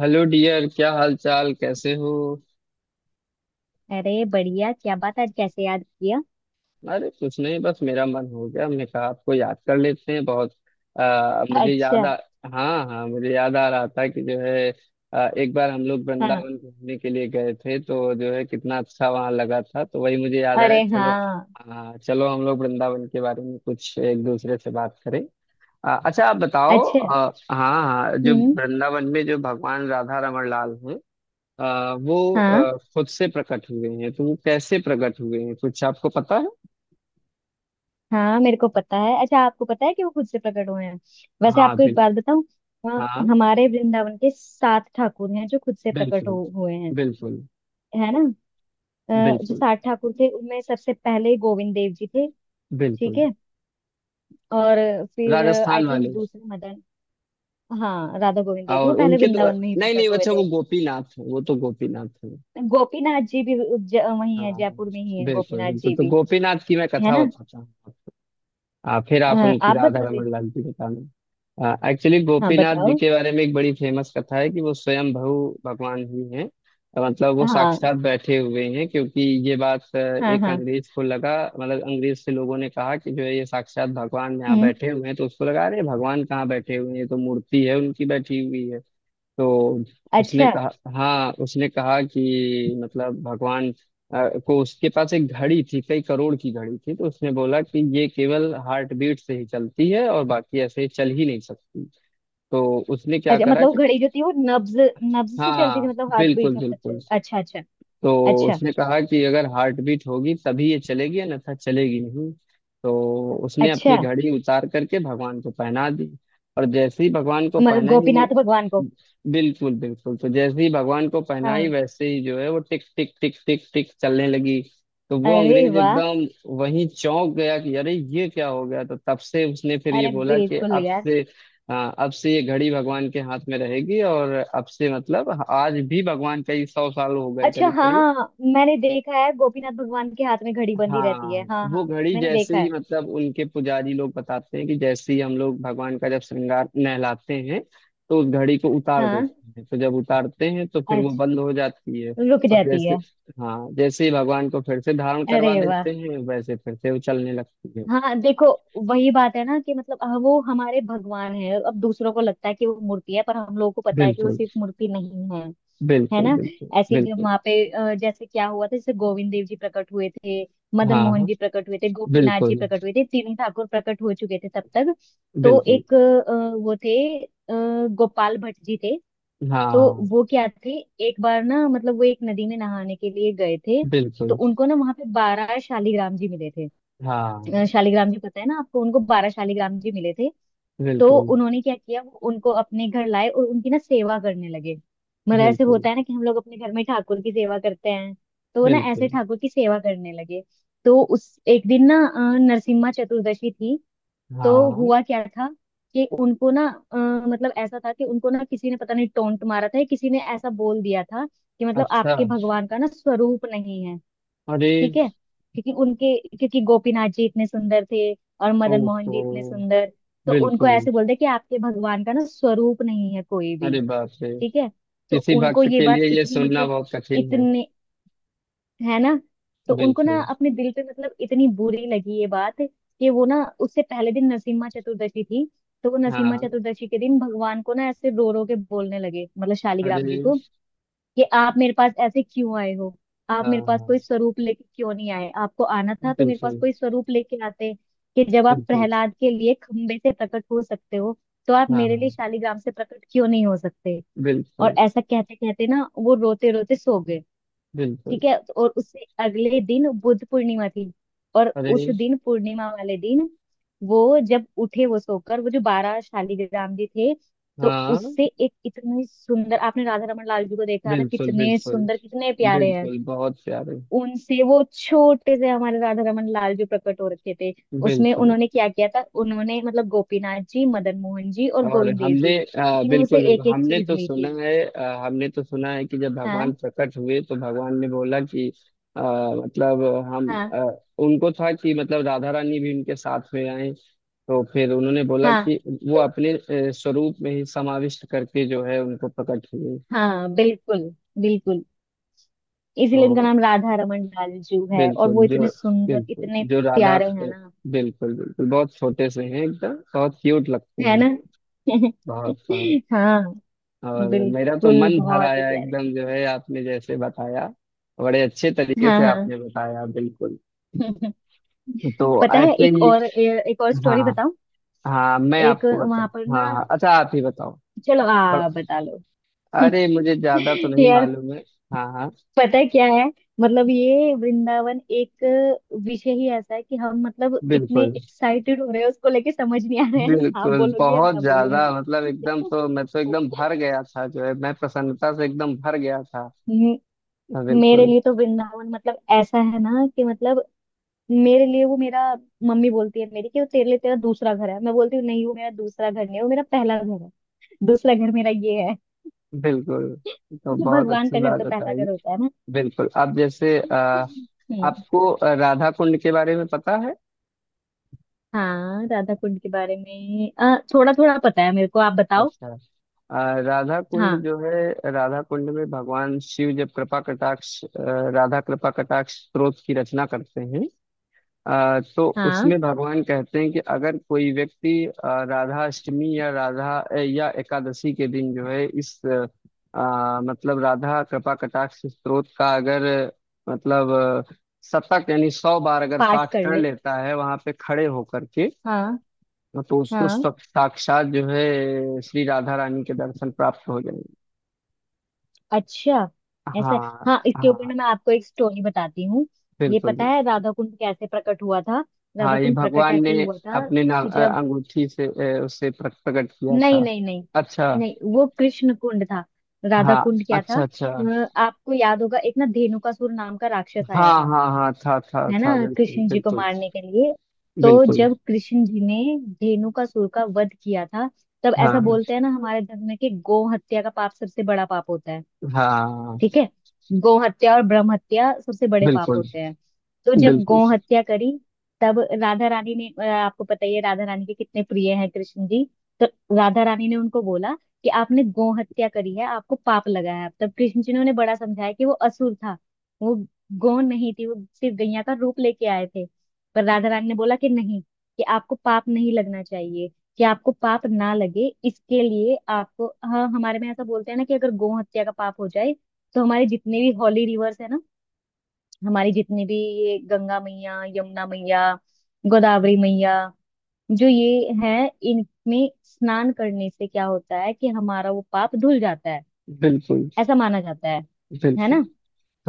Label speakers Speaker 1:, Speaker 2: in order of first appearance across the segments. Speaker 1: Hello dear, क्या हाल चाल, कैसे हो?
Speaker 2: अरे बढ़िया। क्या बात, आज कैसे याद किया।
Speaker 1: अरे कुछ नहीं, बस मेरा मन हो गया, मैं कहा आपको याद कर लेते हैं बहुत। मुझे याद
Speaker 2: अच्छा।
Speaker 1: आ। हाँ हाँ, मुझे याद आ रहा था कि जो है। एक बार हम लोग
Speaker 2: हाँ।
Speaker 1: वृंदावन घूमने के लिए गए थे, तो जो है कितना अच्छा वहाँ लगा था, तो वही मुझे याद आया।
Speaker 2: अरे
Speaker 1: चलो।
Speaker 2: हाँ।
Speaker 1: हाँ चलो, हम लोग वृंदावन के बारे में कुछ एक दूसरे से बात करें। अच्छा, आप बताओ।
Speaker 2: अच्छा।
Speaker 1: हाँ हाँ जो।
Speaker 2: हम्म।
Speaker 1: वृंदावन में जो भगवान राधा रमण लाल हैं। वो
Speaker 2: हाँ
Speaker 1: खुद से प्रकट हुए हैं, तो वो कैसे प्रकट हुए हैं, कुछ आपको पता है?
Speaker 2: हाँ, मेरे को पता है। अच्छा, आपको पता है कि वो खुद से प्रकट हुए हैं। वैसे
Speaker 1: हाँ
Speaker 2: आपको एक
Speaker 1: बिल।
Speaker 2: बात बताऊं,
Speaker 1: हाँ।
Speaker 2: हमारे वृंदावन के सात ठाकुर हैं जो खुद से प्रकट
Speaker 1: बिल्कुल।
Speaker 2: हो, हुए हैं।
Speaker 1: बिल्कुल।
Speaker 2: है ना। जो
Speaker 1: बिल्कुल।
Speaker 2: सात ठाकुर थे उनमें सबसे पहले गोविंद देव जी थे। ठीक
Speaker 1: बिल्कुल।
Speaker 2: है। और फिर आई
Speaker 1: राजस्थान
Speaker 2: थिंक
Speaker 1: वाले।
Speaker 2: दूसरे मदन। हाँ, राधा गोविंद देव जी वो
Speaker 1: और
Speaker 2: पहले
Speaker 1: उनके तो।
Speaker 2: वृंदावन में ही
Speaker 1: नहीं नहीं,
Speaker 2: प्रकट हुए
Speaker 1: अच्छा वो
Speaker 2: थे।
Speaker 1: गोपीनाथ है, वो तो गोपीनाथ है।
Speaker 2: गोपीनाथ जी भी वही है,
Speaker 1: हाँ।
Speaker 2: जयपुर में ही है
Speaker 1: बिल्कुल
Speaker 2: गोपीनाथ
Speaker 1: बिल्कुल,
Speaker 2: जी
Speaker 1: तो
Speaker 2: भी।
Speaker 1: गोपीनाथ की मैं
Speaker 2: है
Speaker 1: कथा
Speaker 2: ना।
Speaker 1: बताता हूँ। फिर आप उनकी
Speaker 2: आप
Speaker 1: राधा
Speaker 2: बता रहे।
Speaker 1: रमन लाल की बताना। एक्चुअली
Speaker 2: हाँ,
Speaker 1: गोपीनाथ जी
Speaker 2: बताओ।
Speaker 1: के बारे में एक बड़ी फेमस कथा है कि वो स्वयं भू भगवान ही हैं। मतलब वो
Speaker 2: हाँ।
Speaker 1: साक्षात बैठे हुए हैं, क्योंकि ये बात
Speaker 2: हाँ
Speaker 1: एक
Speaker 2: हाँ।
Speaker 1: अंग्रेज को लगा। मतलब अंग्रेज से लोगों ने कहा कि जो है ये साक्षात भगवान यहाँ
Speaker 2: हम्म।
Speaker 1: बैठे हुए हैं, तो उसको लगा अरे भगवान कहाँ बैठे हुए हैं, ये तो मूर्ति है उनकी बैठी हुई है। तो उसने
Speaker 2: अच्छा।
Speaker 1: कहा। हाँ, उसने कहा कि मतलब भगवान को उसके पास एक घड़ी थी, कई करोड़ की घड़ी थी। तो उसने बोला कि ये केवल हार्ट बीट से ही चलती है, और बाकी ऐसे चल ही नहीं सकती। तो उसने क्या
Speaker 2: अच्छा,
Speaker 1: करा
Speaker 2: मतलब वो
Speaker 1: कि।
Speaker 2: घड़ी जो थी वो नब्ज नब्ज से चलती
Speaker 1: हाँ
Speaker 2: थी, मतलब हार्ट बीट
Speaker 1: बिल्कुल
Speaker 2: जब तक
Speaker 1: बिल्कुल।
Speaker 2: चली। अच्छा अच्छा।
Speaker 1: तो
Speaker 2: अच्छा।
Speaker 1: उसने कहा कि अगर हार्ट बीट होगी तभी ये चलेगी, अन्यथा चलेगी नहीं। तो उसने
Speaker 2: अच्छा,
Speaker 1: अपनी घड़ी उतार करके भगवान को पहना दी। और जैसे ही भगवान को
Speaker 2: मतलब
Speaker 1: पहनाई वो।
Speaker 2: गोपीनाथ भगवान को।
Speaker 1: बिल्कुल बिल्कुल, तो जैसे ही भगवान को पहनाई
Speaker 2: हाँ।
Speaker 1: वैसे ही जो है वो टिक टिक टिक टिक टिक चलने लगी। तो वो
Speaker 2: अरे
Speaker 1: अंग्रेज
Speaker 2: वाह।
Speaker 1: एकदम वहीं चौंक गया कि अरे ये क्या हो गया। तो तब से उसने फिर ये
Speaker 2: अरे
Speaker 1: बोला कि
Speaker 2: बिल्कुल
Speaker 1: अब
Speaker 2: यार।
Speaker 1: से। हाँ, अब से ये घड़ी भगवान के हाथ में रहेगी, और अब से मतलब आज भी भगवान, कई सौ साल हो गए
Speaker 2: अच्छा।
Speaker 1: करीब
Speaker 2: हाँ
Speaker 1: करीब।
Speaker 2: हाँ, मैंने देखा है गोपीनाथ भगवान के हाथ में घड़ी बंधी रहती
Speaker 1: हाँ,
Speaker 2: है। हाँ
Speaker 1: वो
Speaker 2: हाँ।
Speaker 1: घड़ी
Speaker 2: मैंने
Speaker 1: जैसे
Speaker 2: देखा
Speaker 1: ही
Speaker 2: है।
Speaker 1: मतलब, उनके पुजारी लोग बताते हैं कि जैसे ही हम लोग भगवान का जब श्रृंगार नहलाते हैं, तो उस घड़ी को उतार
Speaker 2: हाँ।
Speaker 1: देते हैं। तो जब उतारते हैं तो फिर वो
Speaker 2: अच्छा।
Speaker 1: बंद हो जाती है।
Speaker 2: रुक
Speaker 1: और
Speaker 2: जाती
Speaker 1: जैसे।
Speaker 2: है।
Speaker 1: हाँ, जैसे ही भगवान को फिर से धारण करवा
Speaker 2: अरे वाह।
Speaker 1: देते हैं, वैसे फिर से वो चलने लगती है।
Speaker 2: हाँ, देखो। वही बात है ना कि मतलब वो हमारे भगवान है। अब दूसरों को लगता है कि वो मूर्ति है, पर हम लोगों को पता है कि वो
Speaker 1: बिल्कुल
Speaker 2: सिर्फ मूर्ति नहीं है। है
Speaker 1: बिल्कुल।
Speaker 2: ना।
Speaker 1: बिल्कुल
Speaker 2: ऐसे ही जब
Speaker 1: बिल्कुल।
Speaker 2: वहां पे जैसे क्या हुआ था। जैसे गोविंद देव जी प्रकट हुए थे, मदन मोहन
Speaker 1: हाँ।
Speaker 2: जी प्रकट हुए थे, गोपीनाथ जी
Speaker 1: बिल्कुल
Speaker 2: प्रकट हुए थे। तीनों ठाकुर प्रकट हो चुके थे तब तक। तो
Speaker 1: बिल्कुल।
Speaker 2: एक वो थे, गोपाल भट्ट जी थे। तो
Speaker 1: हाँ।
Speaker 2: वो क्या थे, एक बार ना मतलब वो एक नदी में नहाने के लिए गए थे। तो
Speaker 1: बिल्कुल।
Speaker 2: उनको ना वहां पे 12 शालिग्राम जी मिले थे।
Speaker 1: हाँ।
Speaker 2: शालिग्राम जी पता है ना आपको, उनको 12 शालिग्राम जी मिले थे। तो
Speaker 1: बिल्कुल
Speaker 2: उन्होंने क्या किया, वो उनको अपने घर लाए और उनकी ना सेवा करने लगे। मतलब ऐसे
Speaker 1: बिल्कुल
Speaker 2: होता है ना कि हम लोग अपने घर में ठाकुर की सेवा करते हैं। तो वो ना
Speaker 1: बिल्कुल।
Speaker 2: ऐसे ठाकुर की सेवा करने लगे। तो उस एक दिन ना नरसिम्हा चतुर्दशी थी। तो
Speaker 1: हाँ।
Speaker 2: हुआ क्या था कि उनको ना अ, मतलब ऐसा था कि उनको ना किसी ने पता नहीं टोंट मारा था या किसी ने ऐसा बोल दिया था कि मतलब
Speaker 1: अच्छा।
Speaker 2: आपके भगवान का ना स्वरूप नहीं है।
Speaker 1: अरे।
Speaker 2: ठीक है, क्योंकि उनके क्योंकि गोपीनाथ जी इतने सुंदर थे और मदन मोहन जी
Speaker 1: ओहो।
Speaker 2: इतने सुंदर। तो उनको
Speaker 1: बिल्कुल।
Speaker 2: ऐसे बोलते हैं कि आपके भगवान का ना स्वरूप नहीं है कोई भी।
Speaker 1: अरे बाप रे।
Speaker 2: ठीक है। तो
Speaker 1: किसी
Speaker 2: उनको
Speaker 1: भक्त
Speaker 2: ये
Speaker 1: के
Speaker 2: बात
Speaker 1: लिए ये
Speaker 2: इतनी
Speaker 1: सुनना
Speaker 2: मतलब
Speaker 1: बहुत कठिन है।
Speaker 2: इतने, है ना। तो उनको ना
Speaker 1: बिल्कुल।
Speaker 2: अपने दिल पे मतलब इतनी बुरी लगी ये बात कि वो ना, उससे पहले दिन नरसिम्हा चतुर्दशी थी। तो वो नरसिम्हा
Speaker 1: हाँ।
Speaker 2: चतुर्दशी के दिन भगवान को ना ऐसे रो रो के बोलने लगे, मतलब
Speaker 1: अरे।
Speaker 2: शालिग्राम जी को, कि आप मेरे पास ऐसे क्यों आए हो। आप मेरे पास
Speaker 1: हाँ।
Speaker 2: कोई स्वरूप लेके क्यों नहीं आए, आपको आना था तो मेरे पास
Speaker 1: बिल्कुल।
Speaker 2: कोई स्वरूप लेके आते। कि जब आप
Speaker 1: बिल्कुल।
Speaker 2: प्रहलाद के लिए खंबे से प्रकट हो सकते हो तो आप मेरे लिए
Speaker 1: हाँ।
Speaker 2: शालिग्राम से प्रकट क्यों नहीं हो सकते। और
Speaker 1: बिल्कुल।
Speaker 2: ऐसा कहते कहते ना वो रोते रोते सो गए।
Speaker 1: बिल्कुल।
Speaker 2: ठीक है। और उससे अगले दिन बुद्ध पूर्णिमा थी। और
Speaker 1: अरे।
Speaker 2: उस दिन पूर्णिमा वाले दिन वो जब उठे वो सोकर, वो जो 12 शालीग्राम जी थे, तो
Speaker 1: हाँ।
Speaker 2: उससे एक इतनी सुंदर, आपने राधा रमन लाल जी को देखा है ना,
Speaker 1: बिल्कुल।
Speaker 2: कितने
Speaker 1: बिल्कुल।
Speaker 2: सुंदर कितने प्यारे हैं।
Speaker 1: बिल्कुल बहुत प्यारे।
Speaker 2: उनसे वो छोटे से हमारे राधा रमन लाल जी प्रकट हो रखे थे। उसमें
Speaker 1: बिल्कुल।
Speaker 2: उन्होंने क्या किया था, उन्होंने मतलब गोपीनाथ जी, मदन मोहन जी और
Speaker 1: और
Speaker 2: गोविंद देव जी
Speaker 1: हमने
Speaker 2: तीनों से
Speaker 1: बिल्कुल बिल्कुल,
Speaker 2: एक एक
Speaker 1: हमने
Speaker 2: चीज
Speaker 1: तो
Speaker 2: ली
Speaker 1: सुना
Speaker 2: थी।
Speaker 1: है। हमने तो सुना है कि जब भगवान
Speaker 2: हाँ।
Speaker 1: प्रकट हुए तो भगवान ने बोला कि। मतलब हम
Speaker 2: हाँ।
Speaker 1: उनको था कि मतलब राधा रानी भी उनके साथ में आए। तो फिर उन्होंने बोला
Speaker 2: हाँ।
Speaker 1: कि वो
Speaker 2: तो
Speaker 1: अपने स्वरूप में ही समाविष्ट करके जो है उनको प्रकट हुए।
Speaker 2: हाँ बिल्कुल। बिल्कुल। इसीलिए इनका
Speaker 1: तो।
Speaker 2: नाम राधा रमन लालजू है और वो
Speaker 1: बिल्कुल जो।
Speaker 2: इतने सुंदर
Speaker 1: बिल्कुल
Speaker 2: इतने
Speaker 1: जो राधा।
Speaker 2: प्यारे हैं
Speaker 1: बिल्कुल
Speaker 2: ना।
Speaker 1: बिल्कुल, बहुत छोटे से हैं एकदम। बहुत क्यूट लगते
Speaker 2: है
Speaker 1: हैं।
Speaker 2: ना।
Speaker 1: बहुत।
Speaker 2: हाँ।
Speaker 1: और मेरा तो
Speaker 2: बिल्कुल
Speaker 1: मन भर
Speaker 2: बहुत ही
Speaker 1: आया
Speaker 2: प्यारे।
Speaker 1: एकदम जो है, आपने जैसे बताया, बड़े अच्छे तरीके
Speaker 2: हाँ
Speaker 1: से
Speaker 2: हाँ।
Speaker 1: आपने बताया। बिल्कुल। तो
Speaker 2: पता है
Speaker 1: ऐसे
Speaker 2: एक
Speaker 1: ही।
Speaker 2: और एक और
Speaker 1: हाँ।
Speaker 2: स्टोरी बताऊं।
Speaker 1: हाँ, मैं
Speaker 2: एक
Speaker 1: आपको बता।
Speaker 2: वहां पर
Speaker 1: हाँ
Speaker 2: ना
Speaker 1: हाँ, अच्छा आप ही बताओ।
Speaker 2: चलो
Speaker 1: बड़ा-।
Speaker 2: आ बता लो।
Speaker 1: अरे, मुझे ज्यादा तो नहीं
Speaker 2: यार,
Speaker 1: मालूम है। हाँ हाँ।
Speaker 2: पता है क्या है, मतलब ये वृंदावन एक विषय ही ऐसा है कि हम मतलब इतने
Speaker 1: बिल्कुल
Speaker 2: एक्साइटेड हो रहे हैं उसको लेके, समझ नहीं आ रहे हैं आप
Speaker 1: बिल्कुल,
Speaker 2: बोलोगी या
Speaker 1: बहुत
Speaker 2: मैं
Speaker 1: ज्यादा
Speaker 2: बोलूंगी।
Speaker 1: मतलब एकदम। तो मैं तो एकदम भर गया था जो है, मैं प्रसन्नता से एकदम भर गया था। हाँ,
Speaker 2: मेरे
Speaker 1: बिल्कुल।
Speaker 2: लिए तो वृंदावन मतलब ऐसा है ना कि मतलब मेरे लिए वो मेरा, मम्मी बोलती है मेरी कि वो तेरे लिए तेरा दूसरा घर है। मैं बोलती हूँ नहीं, वो मेरा दूसरा घर नहीं है, वो मेरा पहला घर है। दूसरा घर मेरा ये है,
Speaker 1: बिल्कुल। तो
Speaker 2: क्योंकि
Speaker 1: बहुत
Speaker 2: भगवान
Speaker 1: अच्छी
Speaker 2: का घर
Speaker 1: बात
Speaker 2: तो पहला
Speaker 1: बताई।
Speaker 2: घर होता है ना।
Speaker 1: बिल्कुल, अब जैसे
Speaker 2: हम्म।
Speaker 1: आपको राधा कुंड के बारे में पता है?
Speaker 2: हाँ, राधा कुंड के बारे में थोड़ा थोड़ा पता है मेरे को, आप बताओ।
Speaker 1: अच्छा। अ, राधा कुंड
Speaker 2: हाँ।
Speaker 1: जो है, राधा कुंड में भगवान शिव जब कृपा कटाक्ष राधा कृपा कटाक्ष स्तोत्र की रचना करते हैं। तो
Speaker 2: हाँ,
Speaker 1: उसमें भगवान कहते हैं कि अगर कोई व्यक्ति राधा अष्टमी या राधा या एकादशी के दिन जो है इस मतलब राधा कृपा कटाक्ष स्तोत्र का अगर मतलब अ, शतक यानी 100 बार अगर
Speaker 2: पाठ
Speaker 1: पाठ
Speaker 2: कर
Speaker 1: कर
Speaker 2: ले।
Speaker 1: लेता है वहां पे खड़े होकर के।
Speaker 2: हाँ।
Speaker 1: हाँ, तो उसको
Speaker 2: हाँ।
Speaker 1: साक्षात जो है श्री राधा रानी के दर्शन प्राप्त हो जाएंगे।
Speaker 2: अच्छा, ऐसा है।
Speaker 1: हाँ
Speaker 2: हाँ, इसके ऊपर
Speaker 1: हाँ।
Speaker 2: ना मैं आपको एक स्टोरी बताती हूँ। ये
Speaker 1: बिल्कुल
Speaker 2: पता
Speaker 1: बिल्कुल।
Speaker 2: है राधा कुंड कैसे प्रकट हुआ था। राधा
Speaker 1: हाँ, ये
Speaker 2: कुंड प्रकट
Speaker 1: भगवान ने
Speaker 2: ऐसे हुआ था
Speaker 1: अपने ना
Speaker 2: कि जब,
Speaker 1: अंगूठी से उसे प्रकट किया
Speaker 2: नहीं
Speaker 1: था।
Speaker 2: नहीं नहीं,
Speaker 1: अच्छा।
Speaker 2: नहीं वो कृष्ण कुंड था। राधा
Speaker 1: हाँ।
Speaker 2: कुंड क्या था,
Speaker 1: अच्छा अच्छा।
Speaker 2: आपको याद होगा एक ना धेनुकासुर नाम का राक्षस आया
Speaker 1: हाँ
Speaker 2: था।
Speaker 1: हाँ हाँ, था
Speaker 2: है ना,
Speaker 1: था बिल्कुल
Speaker 2: कृष्ण जी को
Speaker 1: बिल्कुल।
Speaker 2: मारने के लिए। तो
Speaker 1: बिल्कुल।
Speaker 2: जब कृष्ण जी ने धेनुकासुर का वध किया था, तब ऐसा
Speaker 1: हाँ
Speaker 2: बोलते हैं ना हमारे धर्म में कि गौ हत्या का पाप सबसे बड़ा पाप होता है।
Speaker 1: हाँ।
Speaker 2: ठीक है। गौ हत्या और ब्रह्म हत्या सबसे बड़े पाप
Speaker 1: बिल्कुल
Speaker 2: होते हैं। तो जब
Speaker 1: बिल्कुल।
Speaker 2: गौ हत्या करी, तब राधा रानी ने आपको पता ही है राधा रानी के कितने प्रिय हैं कृष्ण जी। तो राधा रानी ने उनको बोला कि आपने गौ हत्या करी है, आपको पाप लगा है। तब कृष्ण जी ने उन्हें बड़ा समझाया कि वो असुर था, वो गौ नहीं थी, वो सिर्फ गैया का रूप लेके आए थे। पर राधा रानी ने बोला कि नहीं, कि आपको पाप नहीं लगना चाहिए, कि आपको पाप ना लगे इसके लिए आपको। हाँ, हमारे में ऐसा बोलते हैं ना कि अगर गौ हत्या का पाप हो जाए, तो हमारे जितने भी हॉली रिवर्स है ना, हमारी जितने भी, ये गंगा मैया, यमुना मैया, गोदावरी मैया, जो ये है, इनमें स्नान करने से क्या होता है कि हमारा वो पाप धुल जाता है।
Speaker 1: बिल्कुल
Speaker 2: ऐसा माना जाता है। है
Speaker 1: बिल्कुल।
Speaker 2: ना।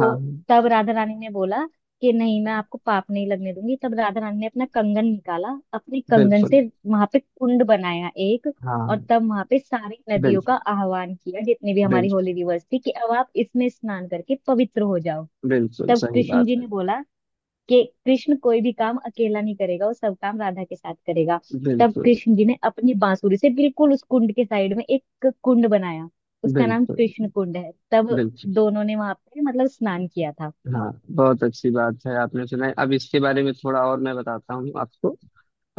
Speaker 1: हाँ।
Speaker 2: तब राधा रानी ने बोला कि नहीं, मैं आपको पाप नहीं लगने दूंगी। तब राधा रानी ने अपना कंगन निकाला, अपने कंगन
Speaker 1: बिल्कुल।
Speaker 2: से वहां पे कुंड बनाया एक। और
Speaker 1: हाँ।
Speaker 2: तब वहां पे सारी नदियों का
Speaker 1: बिल्कुल
Speaker 2: आह्वान किया, जितनी भी हमारी
Speaker 1: बिल्कुल
Speaker 2: होली रिवर्स थी, कि अब आप इसमें स्नान करके पवित्र हो जाओ।
Speaker 1: बिल्कुल
Speaker 2: तब
Speaker 1: सही
Speaker 2: कृष्ण
Speaker 1: बात
Speaker 2: जी
Speaker 1: है।
Speaker 2: ने बोला कि कृष्ण कोई भी काम अकेला नहीं करेगा, वो सब काम राधा के साथ करेगा। तब
Speaker 1: बिल्कुल
Speaker 2: कृष्ण जी ने अपनी बांसुरी से बिल्कुल उस कुंड के साइड में एक कुंड बनाया, उसका नाम
Speaker 1: बिल्कुल
Speaker 2: कृष्ण कुंड है। तब
Speaker 1: बिल्कुल।
Speaker 2: दोनों ने वहां पे मतलब स्नान किया था।
Speaker 1: हाँ, बहुत अच्छी बात है। आपने सुना है, अब इसके बारे में थोड़ा और मैं बताता हूँ आपको।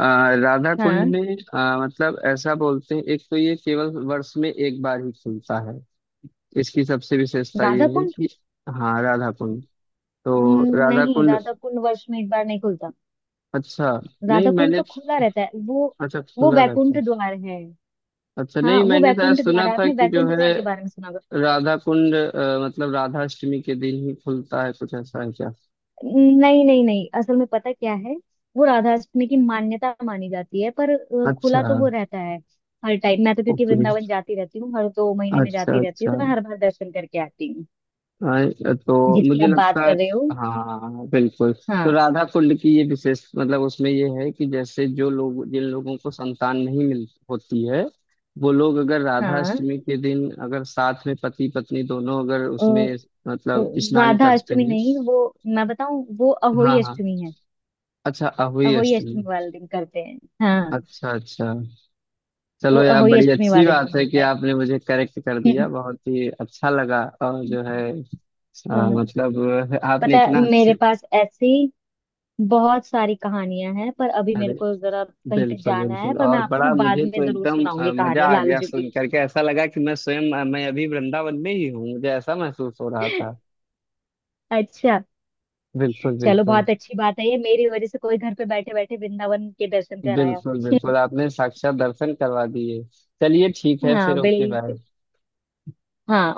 Speaker 1: राधा कुंड
Speaker 2: हाँ।
Speaker 1: में मतलब ऐसा बोलते हैं, एक तो ये केवल वर्ष में एक बार ही खुलता है। इसकी सबसे विशेषता ये
Speaker 2: राधा
Speaker 1: है
Speaker 2: कुंड।
Speaker 1: कि। हाँ राधा कुंड। तो राधा
Speaker 2: नहीं,
Speaker 1: कुंड।
Speaker 2: राधा कुंड वर्ष में एक बार नहीं खुलता।
Speaker 1: अच्छा। नहीं
Speaker 2: राधा कुंड
Speaker 1: मैंने।
Speaker 2: तो खुला रहता है वो
Speaker 1: अच्छा,
Speaker 2: वो
Speaker 1: खुला रहता
Speaker 2: वैकुंठ
Speaker 1: है।
Speaker 2: द्वार है।
Speaker 1: अच्छा, नहीं
Speaker 2: हाँ वो
Speaker 1: मैंने शायद
Speaker 2: वैकुंठ
Speaker 1: सुना
Speaker 2: द्वार है,
Speaker 1: था
Speaker 2: आपने
Speaker 1: कि जो
Speaker 2: वैकुंठ
Speaker 1: है
Speaker 2: द्वार के बारे में सुना होगा।
Speaker 1: राधा कुंड मतलब राधाष्टमी के दिन ही खुलता है, कुछ ऐसा है क्या?
Speaker 2: नहीं नहीं नहीं, असल में पता क्या है, वो राधा अष्टमी की मान्यता मानी जाती है पर खुला
Speaker 1: अच्छा।
Speaker 2: तो वो रहता है हर टाइम। मैं तो क्योंकि
Speaker 1: ओके।
Speaker 2: वृंदावन जाती रहती हूँ, हर 2 महीने में
Speaker 1: अच्छा
Speaker 2: जाती रहती हूँ,
Speaker 1: अच्छा।
Speaker 2: तो मैं हर बार दर्शन करके आती हूँ।
Speaker 1: हाँ, तो
Speaker 2: जिसकी
Speaker 1: मुझे
Speaker 2: आप
Speaker 1: लगता
Speaker 2: बात
Speaker 1: है।
Speaker 2: कर रहे हो।
Speaker 1: हाँ बिल्कुल। तो
Speaker 2: हाँ।
Speaker 1: राधा कुंड की ये विशेष मतलब उसमें ये है कि जैसे जो लोग, जिन लोगों को संतान नहीं मिल होती है, वो लोग अगर राधा
Speaker 2: हाँ।
Speaker 1: अष्टमी के दिन अगर साथ में पति पत्नी दोनों अगर
Speaker 2: अ,
Speaker 1: उसमें
Speaker 2: अ,
Speaker 1: मतलब स्नान
Speaker 2: राधा
Speaker 1: करते
Speaker 2: अष्टमी
Speaker 1: हैं।
Speaker 2: नहीं, वो मैं बताऊँ वो
Speaker 1: हाँ
Speaker 2: अहोई
Speaker 1: हाँ।
Speaker 2: अष्टमी है।
Speaker 1: अच्छा, अहुई
Speaker 2: अहोई
Speaker 1: अष्टमी।
Speaker 2: अष्टमी वाले दिन करते हैं। हाँ,
Speaker 1: अच्छा अच्छा।
Speaker 2: वो
Speaker 1: चलो यार,
Speaker 2: अहोई
Speaker 1: बड़ी
Speaker 2: अष्टमी
Speaker 1: अच्छी
Speaker 2: वाले दिन
Speaker 1: बात है कि
Speaker 2: होता है।
Speaker 1: आपने मुझे करेक्ट कर दिया, बहुत ही अच्छा लगा। और जो है
Speaker 2: हाँ।
Speaker 1: मतलब आपने
Speaker 2: पता है,
Speaker 1: इतना
Speaker 2: मेरे
Speaker 1: अच्छे।
Speaker 2: पास ऐसी बहुत सारी कहानियां हैं, पर अभी
Speaker 1: अरे
Speaker 2: मेरे को जरा कहीं पे
Speaker 1: बिल्कुल
Speaker 2: जाना है,
Speaker 1: बिल्कुल।
Speaker 2: पर मैं
Speaker 1: और
Speaker 2: आपको ना
Speaker 1: बड़ा
Speaker 2: बाद
Speaker 1: मुझे तो
Speaker 2: में जरूर
Speaker 1: एकदम
Speaker 2: सुनाऊंगी
Speaker 1: मजा
Speaker 2: कहानी
Speaker 1: आ गया,
Speaker 2: लालजू की।
Speaker 1: सुन करके ऐसा लगा कि मैं स्वयं मैं अभी वृंदावन में ही हूँ, मुझे ऐसा महसूस हो रहा था।
Speaker 2: अच्छा।
Speaker 1: बिल्कुल
Speaker 2: चलो
Speaker 1: बिल्कुल।
Speaker 2: बहुत अच्छी बात है, ये मेरी वजह से कोई घर पे बैठे बैठे वृंदावन के दर्शन कराया।
Speaker 1: बिल्कुल बिल्कुल, आपने साक्षात दर्शन करवा दिए। चलिए ठीक है
Speaker 2: हाँ
Speaker 1: फिर। Okay bye.
Speaker 2: बिल्कुल। हाँ।